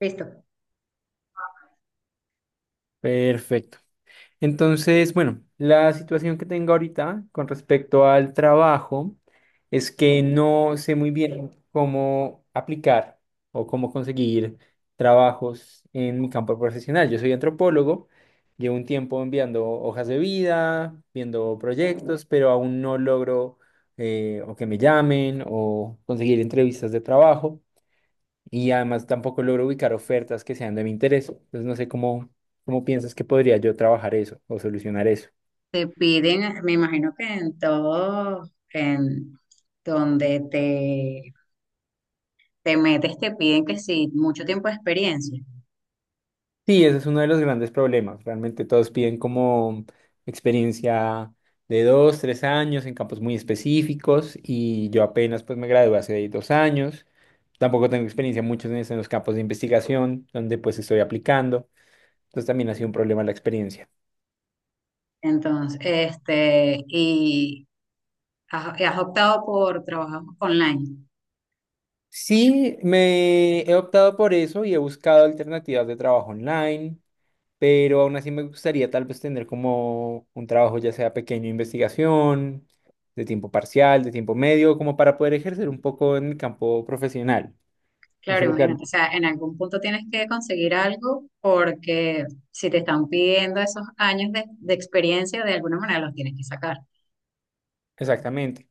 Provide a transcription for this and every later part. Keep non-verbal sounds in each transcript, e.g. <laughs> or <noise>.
Listo. Perfecto. Entonces, bueno, la situación que tengo ahorita con respecto al trabajo es que no sé muy bien cómo aplicar o cómo conseguir trabajos en mi campo profesional. Yo soy antropólogo, llevo un tiempo enviando hojas de vida, viendo proyectos, pero aún no logro o que me llamen o conseguir entrevistas de trabajo, y además tampoco logro ubicar ofertas que sean de mi interés. Entonces no sé cómo piensas que podría yo trabajar eso o solucionar eso. Te piden, me imagino que en todo, en donde te, te metes, te piden que sí, mucho tiempo de experiencia. Sí, ese es uno de los grandes problemas. Realmente todos piden como experiencia de dos, tres años en campos muy específicos, y yo apenas pues me gradué hace dos años. Tampoco tengo experiencia muchos en los campos de investigación donde pues estoy aplicando. Entonces también ha sido un problema la experiencia. Entonces, y has optado por trabajar online. Sí, me he optado por eso y he buscado alternativas de trabajo online, pero aún así me gustaría tal vez tener como un trabajo, ya sea pequeño, de investigación, de tiempo parcial, de tiempo medio, como para poder ejercer un poco en el campo profesional. No Claro, sé lo que... imagínate, o sea, en algún punto tienes que conseguir algo porque si te están pidiendo esos años de experiencia, de alguna manera los tienes que sacar. Exactamente.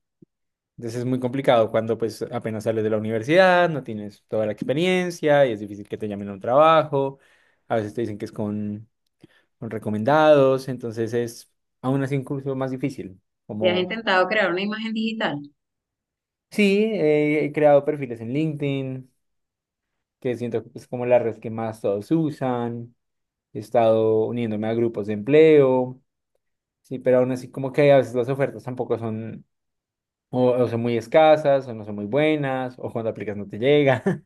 Entonces es muy complicado cuando pues apenas sales de la universidad, no tienes toda la experiencia y es difícil que te llamen a un trabajo. A veces te dicen que es con recomendados, entonces es aún así incluso más difícil. ¿Y has Como, intentado crear una imagen digital? sí, he creado perfiles en LinkedIn, que siento que es como la red que más todos usan. He estado uniéndome a grupos de empleo, sí, pero aún así como que a veces las ofertas tampoco son o son muy escasas, o no son muy buenas, o cuando aplicas no te llega. <laughs>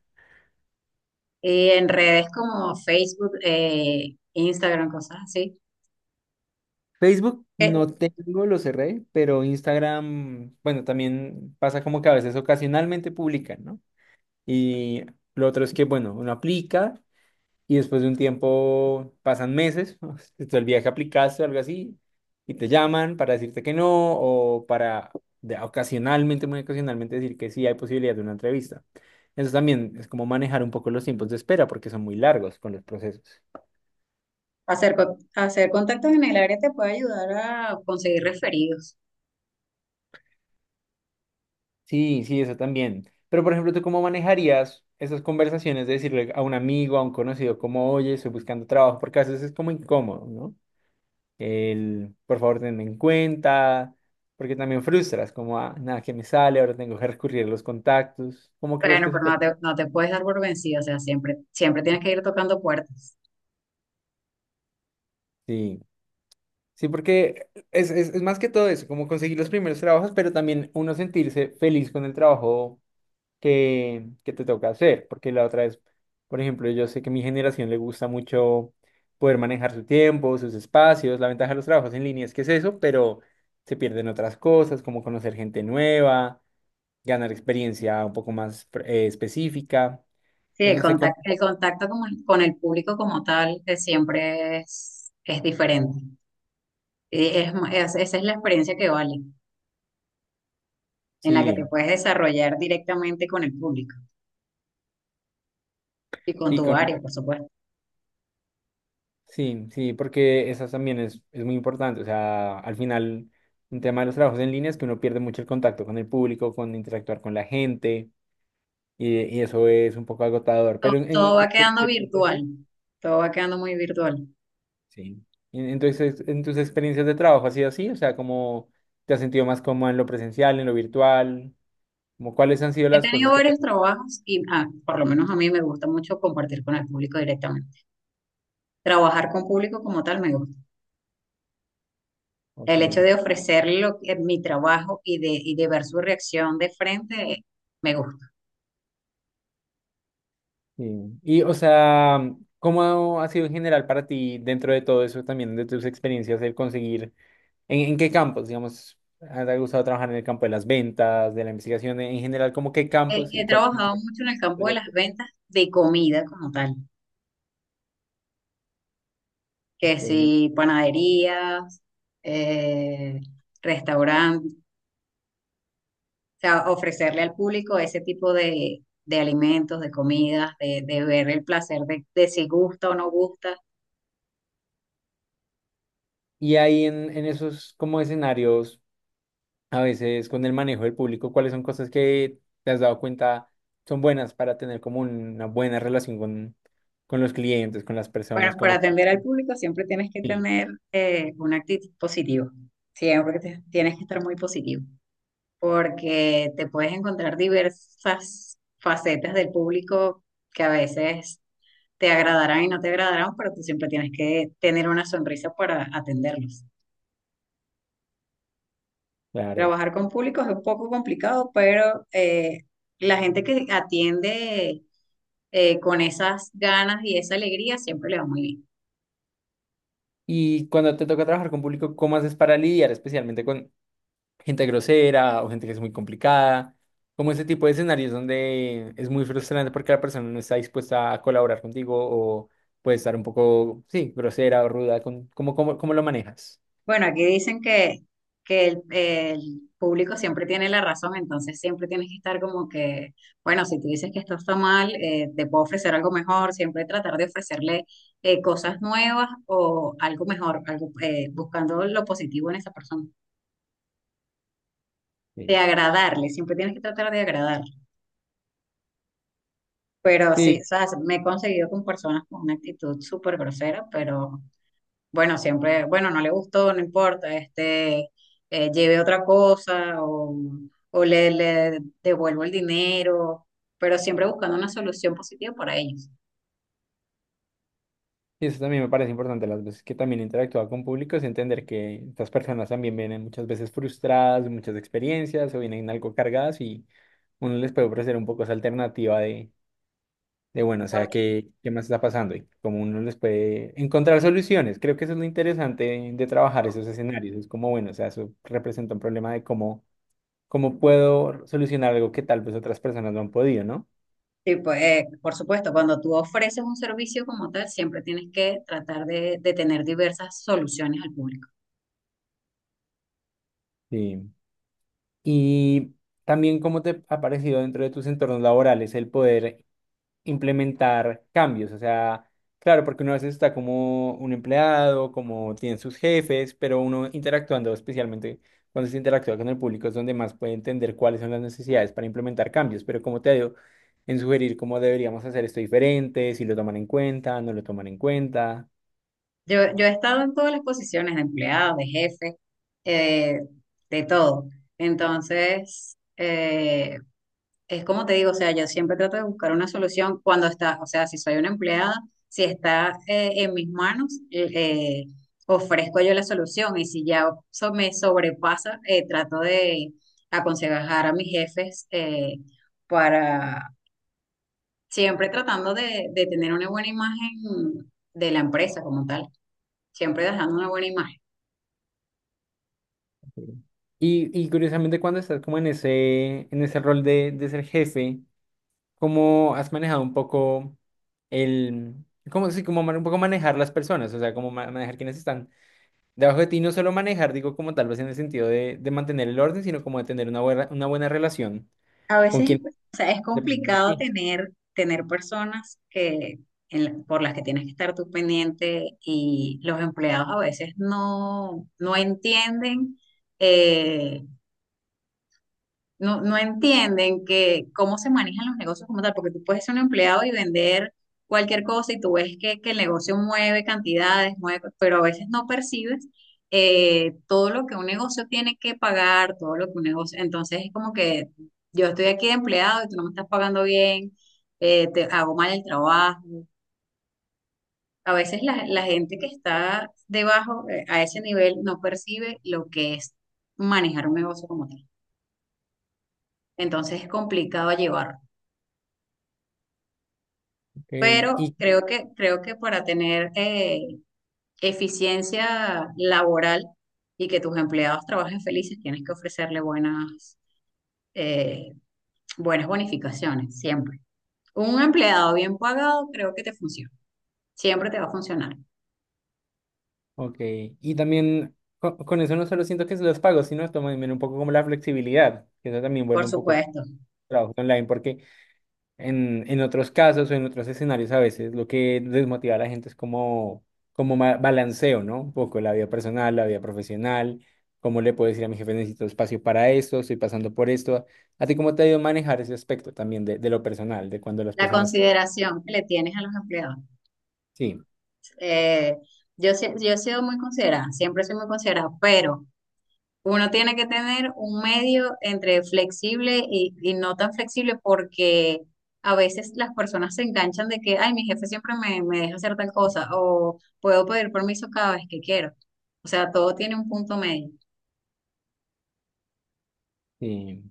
Y en redes como Facebook, Instagram, cosas así. Facebook Eh, no tengo, lo cerré, pero Instagram, bueno, también pasa como que a veces ocasionalmente publican, ¿no? Y lo otro es que, bueno, uno aplica, y después de un tiempo pasan meses, <laughs> se el viaje aplicaste o algo así, y te llaman para decirte que no, o para ocasionalmente, muy ocasionalmente, decir que sí hay posibilidad de una entrevista. Eso también es como manejar un poco los tiempos de espera, porque son muy largos con los procesos. Hacer contactos en el área te puede ayudar a conseguir referidos. Sí, sí, eso también. Pero, por ejemplo, ¿tú cómo manejarías esas conversaciones de decirle a un amigo, a un conocido, como, oye, estoy buscando trabajo? Porque a veces es como incómodo, ¿no? El por favor tenme en cuenta, porque también frustras, como ah, nada que me sale, ahora tengo que recurrir a los contactos. ¿Cómo crees Bueno, que se pero puede? No te puedes dar por vencido, o sea, siempre, siempre tienes que ir tocando puertas. Sí, sí, porque es más que todo eso, como conseguir los primeros trabajos, pero también uno sentirse feliz con el trabajo que te toca hacer, porque la otra es, por ejemplo, yo sé que a mi generación le gusta mucho poder manejar su tiempo, sus espacios. La ventaja de los trabajos en línea es que es eso, pero se pierden otras cosas, como conocer gente nueva, ganar experiencia un poco más específica. Sí, Entonces, el no sé cómo. contacto, con el público como tal siempre es diferente. Y esa es la experiencia que vale, en la que te Sí, puedes desarrollar directamente con el público y con sí, tu área, por supuesto. sí, sí, porque eso también es muy importante. O sea, al final, un tema de los trabajos en línea es que uno pierde mucho el contacto con el público, con interactuar con la gente, y eso es un poco agotador. Todo, Pero todo en tu va quedando experiencia, virtual, sí. todo va quedando muy virtual. Sí. En, en tu ex- en tus experiencias de trabajo ha sido así, o sea, ¿cómo te has sentido más cómodo, en lo presencial, en lo virtual? Como cuáles han sido He las tenido cosas que te... varios trabajos y por lo menos a mí me gusta mucho compartir con el público directamente. Trabajar con público como tal me gusta. El hecho Ok. de ofrecerle mi trabajo y de ver su reacción de frente, me gusta. Sí. Y, o sea, ¿cómo ha sido en general para ti dentro de todo eso también, de tus experiencias, el conseguir, en qué campos, digamos, te ha gustado trabajar? ¿En el campo de las ventas, de la investigación, en general, como qué He, campos y he cuáles son trabajado tus mucho en el campo de las proyectos? ventas de comida como tal, que Ok. si panaderías, eh, restaurantes, sea, ofrecerle al público ese tipo de alimentos, de comidas, de ver el placer de si gusta o no gusta. Y ahí en esos como escenarios, a veces con el manejo del público, ¿cuáles son cosas que te has dado cuenta son buenas para tener como una buena relación con los clientes, con las Bueno, personas, para como... atender al público siempre tienes que Sí, tener una actitud positiva. Tienes que estar muy positivo, porque te puedes encontrar diversas facetas del público que a veces te agradarán y no te agradarán, pero tú siempre tienes que tener una sonrisa para atenderlos. claro. Trabajar con públicos es un poco complicado, pero la gente que atiende con esas ganas y esa alegría siempre le va muy bien. Y cuando te toca trabajar con público, ¿cómo haces para lidiar especialmente con gente grosera o gente que es muy complicada? Como ese tipo de escenarios donde es muy frustrante porque la persona no está dispuesta a colaborar contigo, o puede estar un poco, sí, grosera o ruda. Con, ¿cómo lo manejas? Bueno, aquí dicen que el público siempre tiene la razón, entonces siempre tienes que estar como que, bueno, si tú dices que esto está mal, te puedo ofrecer algo mejor, siempre tratar de ofrecerle cosas nuevas o algo mejor, algo, buscando lo positivo en esa persona, de Sí. agradarle, siempre tienes que tratar de agradarle. Pero sí, Sí, o sea, me he conseguido con personas con una actitud súper grosera, pero bueno, siempre, bueno, no le gustó, no importa, lleve otra cosa o le devuelvo el dinero, pero siempre buscando una solución positiva para ellos. y eso también me parece importante. Las veces que también he interactuado con público es entender que estas personas también vienen muchas veces frustradas, muchas experiencias, o vienen algo cargadas, y uno les puede ofrecer un poco esa alternativa de bueno, o Por, sea, ¿qué más está pasando? Y cómo uno les puede encontrar soluciones. Creo que eso es lo interesante de trabajar esos escenarios. Es como, bueno, o sea, eso representa un problema de cómo, cómo puedo solucionar algo que tal vez otras personas no han podido, ¿no? sí, pues, por supuesto, cuando tú ofreces un servicio como tal, siempre tienes que tratar de tener diversas soluciones al público. Sí. Y también cómo te ha parecido dentro de tus entornos laborales el poder implementar cambios. O sea, claro, porque uno a veces está como un empleado, como tienen sus jefes, pero uno interactuando, especialmente cuando se interactúa con el público, es donde más puede entender cuáles son las necesidades para implementar cambios. Pero como te digo, en sugerir cómo deberíamos hacer esto diferente, si lo toman en cuenta, no lo toman en cuenta. Yo he estado en todas las posiciones de empleado, de jefe, eh, de todo. Entonces, es como te digo, o sea, yo siempre trato de buscar una solución cuando está, o sea, si soy una empleada, si está en mis manos, ofrezco yo la solución y si me sobrepasa, trato de aconsejar a mis jefes para siempre tratando de tener una buena imagen de la empresa como tal siempre dejando una buena imagen. Sí. Y curiosamente cuando estás como en ese rol de ser jefe, ¿cómo has manejado un poco el, cómo, sí, un poco manejar las personas? O sea, ¿cómo manejar quienes están debajo de ti? No solo manejar, digo, como tal vez en el sentido de mantener el orden, sino como de tener una buena relación A con veces, quien o sea, es depende de complicado ti. Tener personas que, por las que tienes que estar tú pendiente y los empleados a veces no entienden eh, no entienden que cómo se manejan los negocios como tal, porque tú puedes ser un empleado y vender cualquier cosa y tú ves que el negocio mueve cantidades, mueve, pero a veces no percibes todo lo que un negocio tiene que pagar, todo lo que un negocio, entonces es como que yo estoy aquí de empleado y tú no me estás pagando bien, te hago mal el trabajo. A veces la gente que está debajo, a ese nivel, no percibe lo que es manejar un negocio como tal. Entonces es complicado llevarlo. Ok, Pero y, creo que para tener eficiencia laboral y que tus empleados trabajen felices, tienes que ofrecerle buenas, eh, buenas bonificaciones, siempre. Un empleado bien pagado creo que te funciona, siempre te va a funcionar, ok, y también con, eso no solo siento que se los pago, sino también un poco como la flexibilidad, que eso también vuelve por un poco a supuesto. trabajo online, porque en otros casos o en otros escenarios a veces lo que desmotiva a la gente es como, balanceo, ¿no? Un poco la vida personal, la vida profesional, cómo le puedo decir a mi jefe necesito espacio para esto, estoy pasando por esto. ¿A ti cómo te ha ido a manejar ese aspecto también de lo personal, de cuando las La personas... consideración que le tienes a los empleados. Sí, Eh, yo he sido muy considerada, siempre soy muy considerada, pero... Uno tiene que tener un medio entre flexible y no tan flexible porque a veces las personas se enganchan de que, ay, mi jefe siempre me deja hacer tal cosa o puedo pedir permiso cada vez que quiero. O sea, todo tiene un punto medio. sí.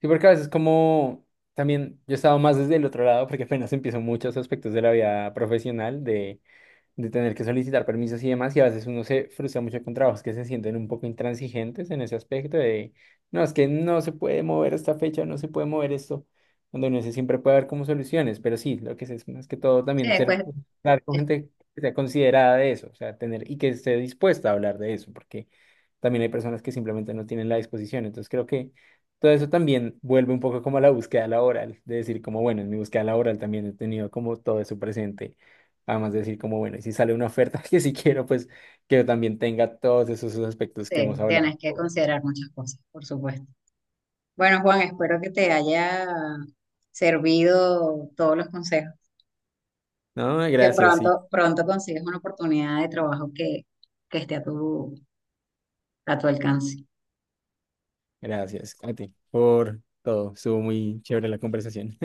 Sí, porque a veces como también yo he estado más desde el otro lado, porque apenas empiezo muchos aspectos de la vida profesional, de tener que solicitar permisos y demás, y a veces uno se frustra mucho con trabajos que se sienten un poco intransigentes en ese aspecto de, no, es que no se puede mover esta fecha, no se puede mover esto, cuando no se siempre puede haber como soluciones. Pero sí, lo que sé es más que todo Sí, también ser, después hablar con gente que sea considerada de eso, o sea, tener y que esté dispuesta a hablar de eso, porque también hay personas que simplemente no tienen la disposición. Entonces creo que todo eso también vuelve un poco como a la búsqueda laboral, de decir como, bueno, en mi búsqueda laboral también he tenido como todo eso presente. Además de decir como, bueno, y si sale una oferta <laughs> que sí quiero, pues que también tenga todos esos aspectos que hemos hablado. tienes que considerar muchas cosas, por supuesto. Bueno, Juan, espero que te haya servido todos los consejos No, que gracias, pronto, sí, pronto consigas una oportunidad de trabajo que esté a tu alcance. gracias a ti por todo. Estuvo muy chévere la conversación.